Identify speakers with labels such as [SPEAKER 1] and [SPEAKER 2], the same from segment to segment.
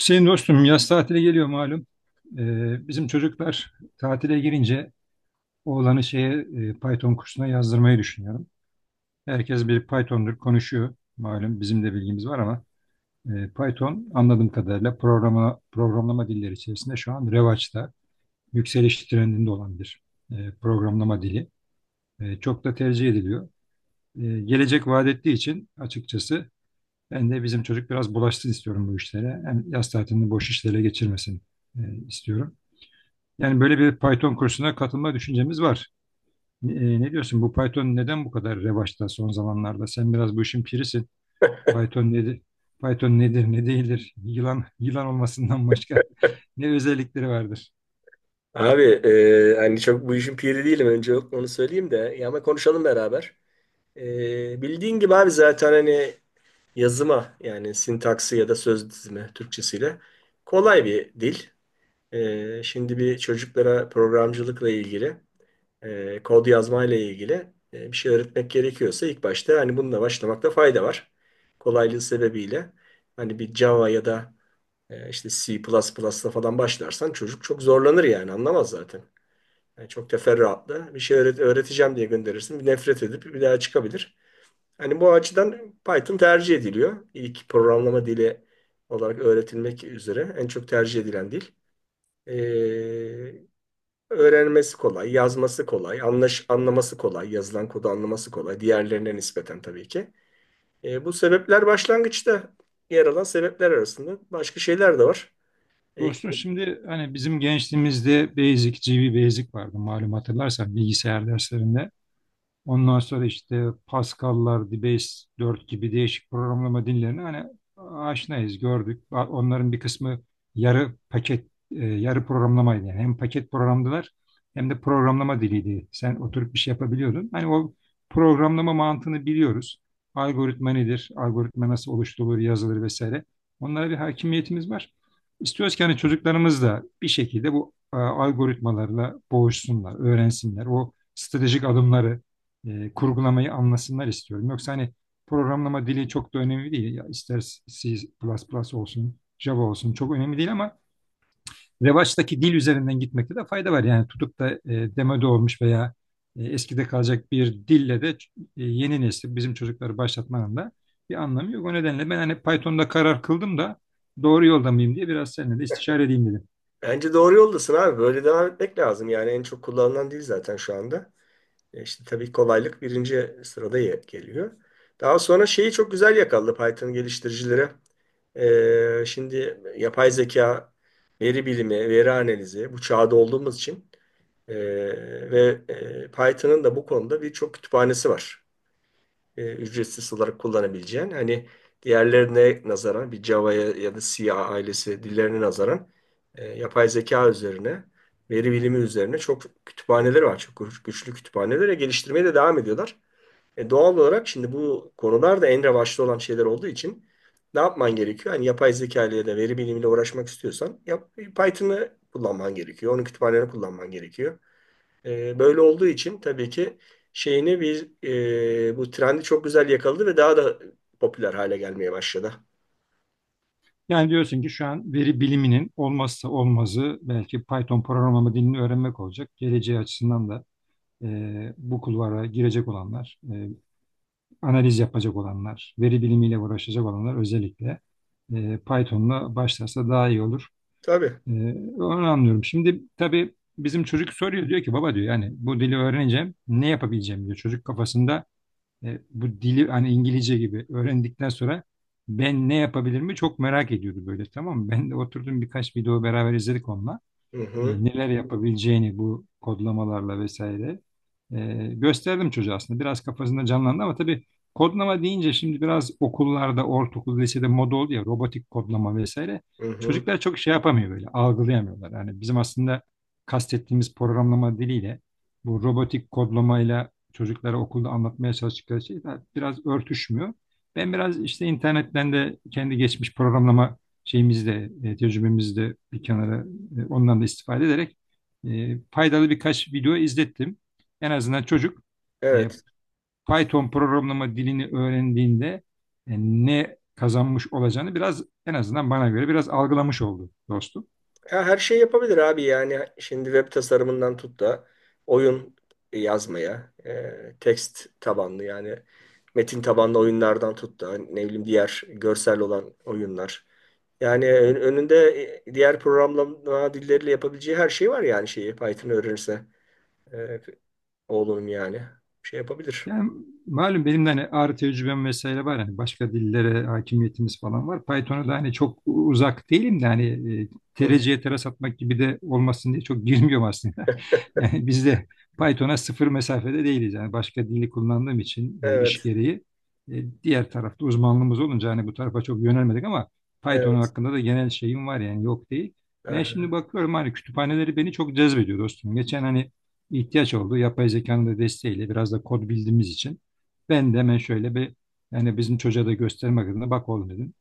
[SPEAKER 1] Hüseyin dostum yaz tatili geliyor malum. Bizim çocuklar tatile girince oğlanı şeye Python kursuna yazdırmayı düşünüyorum. Herkes bir Python'dur konuşuyor. Malum bizim de bilgimiz var ama Python anladığım kadarıyla programlama dilleri içerisinde şu an revaçta, yükseliş trendinde olan bir programlama dili. Çok da tercih ediliyor. Gelecek vaat ettiği için açıkçası ben de bizim çocuk biraz bulaşsın istiyorum bu işlere. Hem yaz tatilini boş işlere geçirmesin e, istiyorum. Yani böyle bir Python kursuna katılma düşüncemiz var. Ne diyorsun? Bu Python neden bu kadar revaçta son zamanlarda? Sen biraz bu işin pirisin. Python nedir? Python nedir, ne değildir? Yılan yılan olmasından başka ne özellikleri vardır?
[SPEAKER 2] Abi hani çok bu işin piri değilim önce onu söyleyeyim de ya ama konuşalım beraber. Bildiğin gibi abi zaten hani yazıma yani sintaksi ya da söz dizimi Türkçesiyle kolay bir dil. Şimdi bir çocuklara programcılıkla ilgili kod yazmayla ilgili bir şey öğretmek gerekiyorsa ilk başta hani bununla başlamakta fayda var. Kolaylığı sebebiyle hani bir Java ya da işte C++'la falan başlarsan çocuk çok zorlanır yani anlamaz zaten. Yani çok teferruatlı. Bir şey öğreteceğim diye gönderirsin. Bir nefret edip bir daha çıkabilir. Hani bu açıdan Python tercih ediliyor. İlk programlama dili olarak öğretilmek üzere en çok tercih edilen dil. Ee, Öğrenmesi kolay, yazması kolay, anlaması kolay, yazılan kodu anlaması kolay. Diğerlerine nispeten tabii ki. Bu sebepler başlangıçta yer alan sebepler arasında. Başka şeyler de var. Ee,
[SPEAKER 1] Dostum şimdi hani bizim gençliğimizde Basic, GB Basic vardı malum hatırlarsan bilgisayar derslerinde. Ondan sonra işte Pascal'lar, Debase 4 gibi değişik programlama dillerini hani aşinayız, gördük. Onların bir kısmı yarı paket, yarı programlamaydı. Yani hem paket programdılar hem de programlama diliydi. Sen oturup bir şey yapabiliyordun. Hani o programlama mantığını biliyoruz. Algoritma nedir? Algoritma nasıl oluşturulur, yazılır vesaire. Onlara bir hakimiyetimiz var. İstiyoruz ki hani çocuklarımız da bir şekilde bu algoritmalarla boğuşsunlar, öğrensinler. O stratejik adımları kurgulamayı anlasınlar istiyorum. Yoksa hani programlama dili çok da önemli değil. Ya ister C++ olsun, Java olsun çok önemli değil ama revaçtaki dil üzerinden gitmekte de fayda var. Yani tutup da demode olmuş veya eskide kalacak bir dille de yeni nesil bizim çocukları başlatmanın da bir anlamı yok. O nedenle ben hani Python'da karar kıldım da doğru yolda mıyım diye biraz seninle de istişare edeyim dedim.
[SPEAKER 2] Bence doğru yoldasın abi. Böyle devam etmek lazım. Yani en çok kullanılan dil zaten şu anda. İşte tabii kolaylık birinci sırada geliyor. Daha sonra şeyi çok güzel yakaladı Python geliştiricileri. Şimdi yapay zeka, veri bilimi, veri analizi bu çağda olduğumuz için e, ve Python'ın da bu konuda birçok kütüphanesi var, ücretsiz olarak kullanabileceğin, hani diğerlerine nazaran, bir Java'ya ya da C ailesi dillerine nazaran yapay zeka üzerine, veri bilimi üzerine çok kütüphaneleri var. Çok güçlü kütüphanelere geliştirmeye de devam ediyorlar. Doğal olarak şimdi bu konular da en revaçta olan şeyler olduğu için ne yapman gerekiyor? Hani yapay zeka ile ya da veri bilimiyle uğraşmak istiyorsan yap, Python'ı kullanman gerekiyor. Onun kütüphanelerini kullanman gerekiyor. Böyle olduğu için tabii ki şeyini bir bu trendi çok güzel yakaladı ve daha da popüler hale gelmeye başladı.
[SPEAKER 1] Yani diyorsun ki şu an veri biliminin olmazsa olmazı belki Python programlama dilini öğrenmek olacak. Geleceği açısından da bu kulvara girecek olanlar, analiz yapacak olanlar, veri bilimiyle uğraşacak olanlar özellikle Python'la başlarsa daha iyi olur.
[SPEAKER 2] Tabii.
[SPEAKER 1] E, Onu anlıyorum. Şimdi tabii bizim çocuk soruyor diyor ki baba diyor yani bu dili öğreneceğim ne yapabileceğim diyor. Çocuk kafasında bu dili hani İngilizce gibi öğrendikten sonra ben ne yapabilir mi çok merak ediyordu böyle tamam mı? Ben de oturdum birkaç video beraber izledik onunla
[SPEAKER 2] Hı hı.
[SPEAKER 1] neler yapabileceğini bu kodlamalarla vesaire gösterdim çocuğa aslında. Biraz kafasında canlandı ama tabii kodlama deyince şimdi biraz okullarda, ortaokul, lisede moda oldu ya robotik kodlama vesaire.
[SPEAKER 2] Hı hı.
[SPEAKER 1] Çocuklar çok şey yapamıyor böyle, algılayamıyorlar. Yani bizim aslında kastettiğimiz programlama diliyle bu robotik kodlamayla çocuklara okulda anlatmaya çalıştıkları şey biraz örtüşmüyor. Ben biraz işte internetten de kendi geçmiş programlama şeyimizde, tecrübemizde bir kenara ondan da istifade ederek faydalı birkaç video izlettim. En azından çocuk e,
[SPEAKER 2] Evet.
[SPEAKER 1] Python programlama dilini öğrendiğinde ne kazanmış olacağını biraz en azından bana göre biraz algılamış oldu dostum.
[SPEAKER 2] Ya her şey yapabilir abi, yani şimdi web tasarımından tut da oyun yazmaya, tekst tabanlı yani metin tabanlı oyunlardan tut da, ne bileyim, diğer görsel olan oyunlar. Yani önünde diğer programlama dilleriyle yapabileceği her şey var yani şeyi, Python öğrenirse. Oğlunun yani. Şey yapabilir.
[SPEAKER 1] Yani malum benim de hani ağrı tecrübem vesaire var. Hani başka dillere hakimiyetimiz falan var. Python'a da hani çok uzak değilim de hani e,
[SPEAKER 2] Hı hı.
[SPEAKER 1] tereciye teras atmak gibi de olmasın diye çok girmiyorum aslında. Yani biz de Python'a sıfır mesafede değiliz. Yani başka dili kullandığım için iş
[SPEAKER 2] Evet,
[SPEAKER 1] gereği diğer tarafta uzmanlığımız olunca hani bu tarafa çok yönelmedik ama Python
[SPEAKER 2] evet.
[SPEAKER 1] hakkında da genel şeyim var yani yok değil. Ben
[SPEAKER 2] Aha.
[SPEAKER 1] şimdi bakıyorum hani kütüphaneleri beni çok cezbediyor dostum. Geçen hani ihtiyaç oldu. Yapay zekanın da desteğiyle biraz da kod bildiğimiz için ben de hemen şöyle bir yani bizim çocuğa da göstermek adına bak oğlum dedim.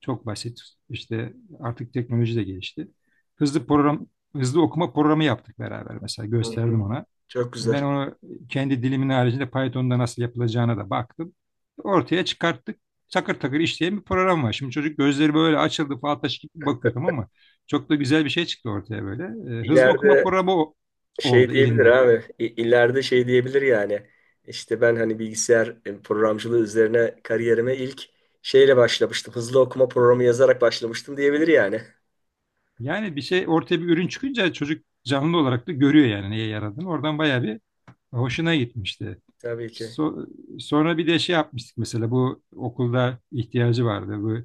[SPEAKER 1] Çok basit. İşte artık teknoloji de gelişti. Hızlı program Hızlı okuma programı yaptık beraber mesela
[SPEAKER 2] Hı hı.
[SPEAKER 1] gösterdim ona.
[SPEAKER 2] Çok
[SPEAKER 1] Ben
[SPEAKER 2] güzel.
[SPEAKER 1] onu kendi dilimin haricinde Python'da nasıl yapılacağına da baktım. Ortaya çıkarttık. Takır takır işleyen bir program var. Şimdi çocuk gözleri böyle açıldı fal taşı gibi bakıyor tamam mı? Çok da güzel bir şey çıktı ortaya böyle. Hızlı okuma
[SPEAKER 2] İleride
[SPEAKER 1] programı
[SPEAKER 2] şey
[SPEAKER 1] oldu
[SPEAKER 2] diyebilir
[SPEAKER 1] elinde.
[SPEAKER 2] abi. İleride şey diyebilir yani. İşte ben hani bilgisayar programcılığı üzerine kariyerime ilk şeyle başlamıştım. Hızlı okuma programı yazarak başlamıştım diyebilir yani.
[SPEAKER 1] Yani bir şey ortaya bir ürün çıkınca çocuk canlı olarak da görüyor yani neye yaradığını. Oradan bayağı bir hoşuna gitmişti.
[SPEAKER 2] Tabii ki.
[SPEAKER 1] So- Sonra bir de şey yapmıştık mesela bu okulda ihtiyacı vardı. Bu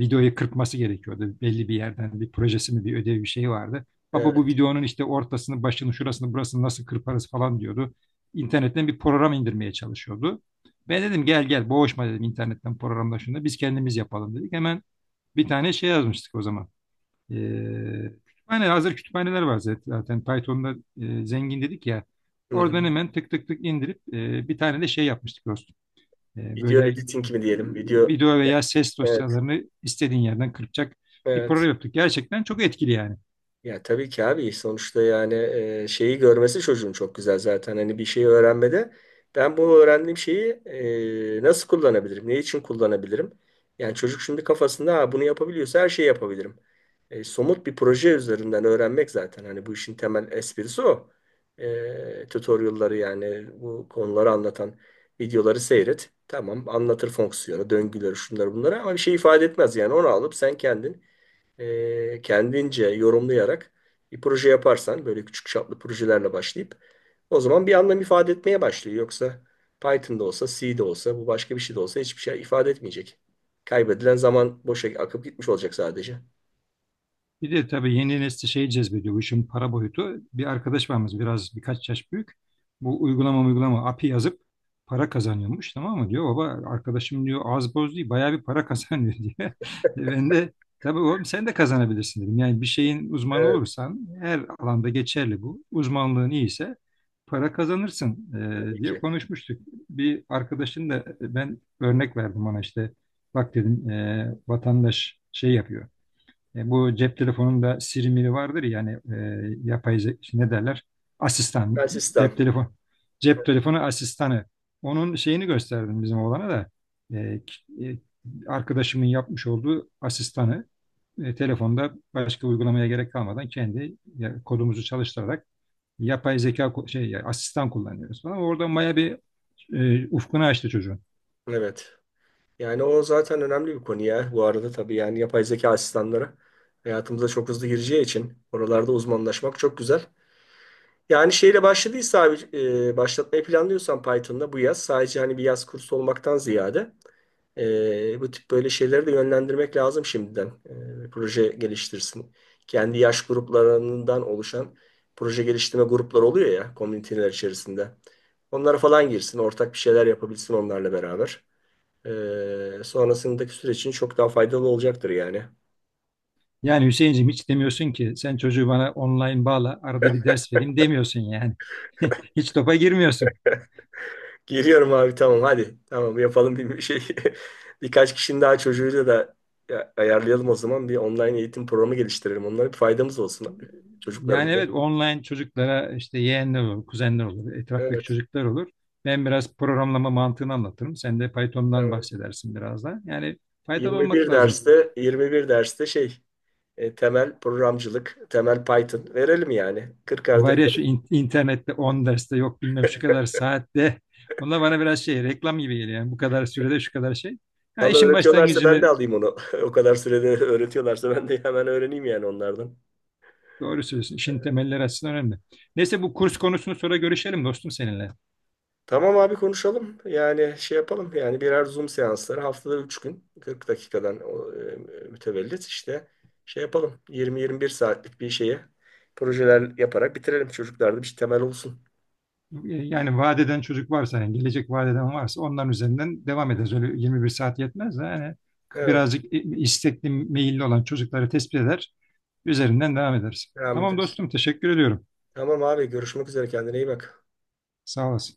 [SPEAKER 1] videoyu kırpması gerekiyordu. Belli bir yerden bir projesi mi bir ödevi bir şey vardı. Baba
[SPEAKER 2] Evet.
[SPEAKER 1] bu videonun işte ortasını, başını, şurasını, burasını nasıl kırparız falan diyordu. İnternetten bir program indirmeye çalışıyordu. Ben dedim gel gel boğuşma dedim internetten programla şunu da biz kendimiz yapalım dedik. Hemen bir tane şey yazmıştık o zaman. Kütüphane Hazır kütüphaneler var zaten. Zaten Python'da zengin dedik ya.
[SPEAKER 2] Hı hı.
[SPEAKER 1] Oradan hemen tık tık tık indirip bir tane de şey yapmıştık dostum.
[SPEAKER 2] Video
[SPEAKER 1] Böyle
[SPEAKER 2] editing mi diyelim? Video.
[SPEAKER 1] video veya ses
[SPEAKER 2] Evet.
[SPEAKER 1] dosyalarını istediğin yerden kırpacak bir
[SPEAKER 2] Evet.
[SPEAKER 1] program yaptık. Gerçekten çok etkili yani.
[SPEAKER 2] Ya tabii ki abi, sonuçta yani şeyi görmesi çocuğun çok güzel zaten, hani bir şeyi öğrenmede ben bu öğrendiğim şeyi nasıl kullanabilirim, ne için kullanabilirim, yani çocuk şimdi kafasında ha, bunu yapabiliyorsa her şeyi yapabilirim. Somut bir proje üzerinden öğrenmek zaten hani bu işin temel esprisi. O tutorialları, yani bu konuları anlatan videoları seyret, tamam, anlatır fonksiyonu, döngüleri, şunları bunları ama bir şey ifade etmez yani. Onu alıp sen kendin kendince yorumlayarak bir proje yaparsan, böyle küçük çaplı projelerle başlayıp, o zaman bir anlam ifade etmeye başlıyor. Yoksa Python'da olsa, C'de olsa, bu başka bir şey de olsa hiçbir şey ifade etmeyecek. Kaybedilen zaman boşa akıp gitmiş olacak sadece.
[SPEAKER 1] Bir de tabii yeni nesli şey cezbediyor. Bu işin para boyutu. Bir arkadaş varmış biraz birkaç yaş büyük. Bu uygulama API yazıp para kazanıyormuş tamam mı diyor. Baba arkadaşım diyor az boz değil bayağı bir para kazanıyor diyor. Ben de tabii oğlum sen de kazanabilirsin dedim. Yani bir şeyin uzmanı
[SPEAKER 2] Evet,
[SPEAKER 1] olursan her alanda geçerli bu. Uzmanlığın iyiyse para kazanırsın
[SPEAKER 2] tabii
[SPEAKER 1] diye
[SPEAKER 2] ki.
[SPEAKER 1] konuşmuştuk. Bir arkadaşın da ben örnek verdim ona işte bak dedim vatandaş şey yapıyor bu cep telefonunda Siri miri vardır ya hani yapay işte ne derler? Asistan, cep
[SPEAKER 2] Asistan.
[SPEAKER 1] telefon, cep telefonu asistanı. Onun şeyini gösterdim bizim oğlana da. E, k- e, Arkadaşımın yapmış olduğu asistanı telefonda başka uygulamaya gerek kalmadan kendi ya, kodumuzu çalıştırarak yapay zeka şey ya, asistan kullanıyoruz falan. Orada maya bir ufkunu açtı çocuğun.
[SPEAKER 2] Evet. Yani o zaten önemli bir konu ya. Bu arada tabii yani yapay zeka asistanları hayatımıza çok hızlı gireceği için oralarda uzmanlaşmak çok güzel. Yani şeyle başladıysa abi, başlatmayı planlıyorsan Python'da bu yaz, sadece hani bir yaz kursu olmaktan ziyade bu tip böyle şeyleri de yönlendirmek lazım şimdiden. Proje geliştirsin. Kendi yaş gruplarından oluşan proje geliştirme grupları oluyor ya komüniteler içerisinde. Onlara falan girsin, ortak bir şeyler yapabilsin onlarla beraber. Sonrasındaki süreç için çok daha faydalı olacaktır yani.
[SPEAKER 1] Yani Hüseyin'cim hiç demiyorsun ki sen çocuğu bana online bağla arada bir ders vereyim demiyorsun yani. Hiç topa girmiyorsun.
[SPEAKER 2] Geliyorum abi, tamam hadi. Tamam, yapalım bir şey. Birkaç kişinin daha çocuğuyla da ayarlayalım o zaman. Bir online eğitim programı geliştirelim. Onlara bir faydamız olsun,
[SPEAKER 1] Yani
[SPEAKER 2] çocuklarımıza.
[SPEAKER 1] evet online çocuklara işte yeğenler olur, kuzenler olur, etraftaki
[SPEAKER 2] Evet,
[SPEAKER 1] çocuklar olur. Ben biraz programlama mantığını anlatırım. Sen de Python'dan
[SPEAKER 2] tamam.
[SPEAKER 1] bahsedersin biraz da. Yani faydalı
[SPEAKER 2] Yirmi
[SPEAKER 1] olmak
[SPEAKER 2] bir
[SPEAKER 1] lazım.
[SPEAKER 2] derste, 21 derste şey, temel programcılık, temel Python verelim yani. 40'ar
[SPEAKER 1] Var ya
[SPEAKER 2] dakika.
[SPEAKER 1] şu internette 10 derste yok bilmem şu kadar saatte. Onlar bana biraz şey reklam gibi geliyor. Yani bu kadar sürede şu kadar şey. Ya
[SPEAKER 2] Valla
[SPEAKER 1] işin
[SPEAKER 2] öğretiyorlarsa ben de
[SPEAKER 1] başlangıcını
[SPEAKER 2] alayım onu. O kadar sürede öğretiyorlarsa ben de hemen öğreneyim yani onlardan.
[SPEAKER 1] doğru söylüyorsun. İşin temelleri açısından önemli. Neyse bu kurs konusunu sonra görüşelim dostum seninle.
[SPEAKER 2] Tamam abi, konuşalım. Yani şey yapalım. Yani birer Zoom seansları, haftada 3 gün 40 dakikadan, o mütevellit işte şey yapalım. 20-21 saatlik bir şeye projeler yaparak bitirelim. Çocuklarda bir şey temel olsun.
[SPEAKER 1] Yani vaat eden çocuk varsa, yani gelecek vaat eden varsa onların üzerinden devam ederiz. Öyle 21 saat yetmez de yani
[SPEAKER 2] Evet.
[SPEAKER 1] birazcık istekli, meyilli olan çocukları tespit eder. Üzerinden devam ederiz.
[SPEAKER 2] Devam
[SPEAKER 1] Tamam
[SPEAKER 2] ederiz.
[SPEAKER 1] dostum, teşekkür ediyorum.
[SPEAKER 2] Tamam abi, görüşmek üzere, kendine iyi bak.
[SPEAKER 1] Sağ olasın.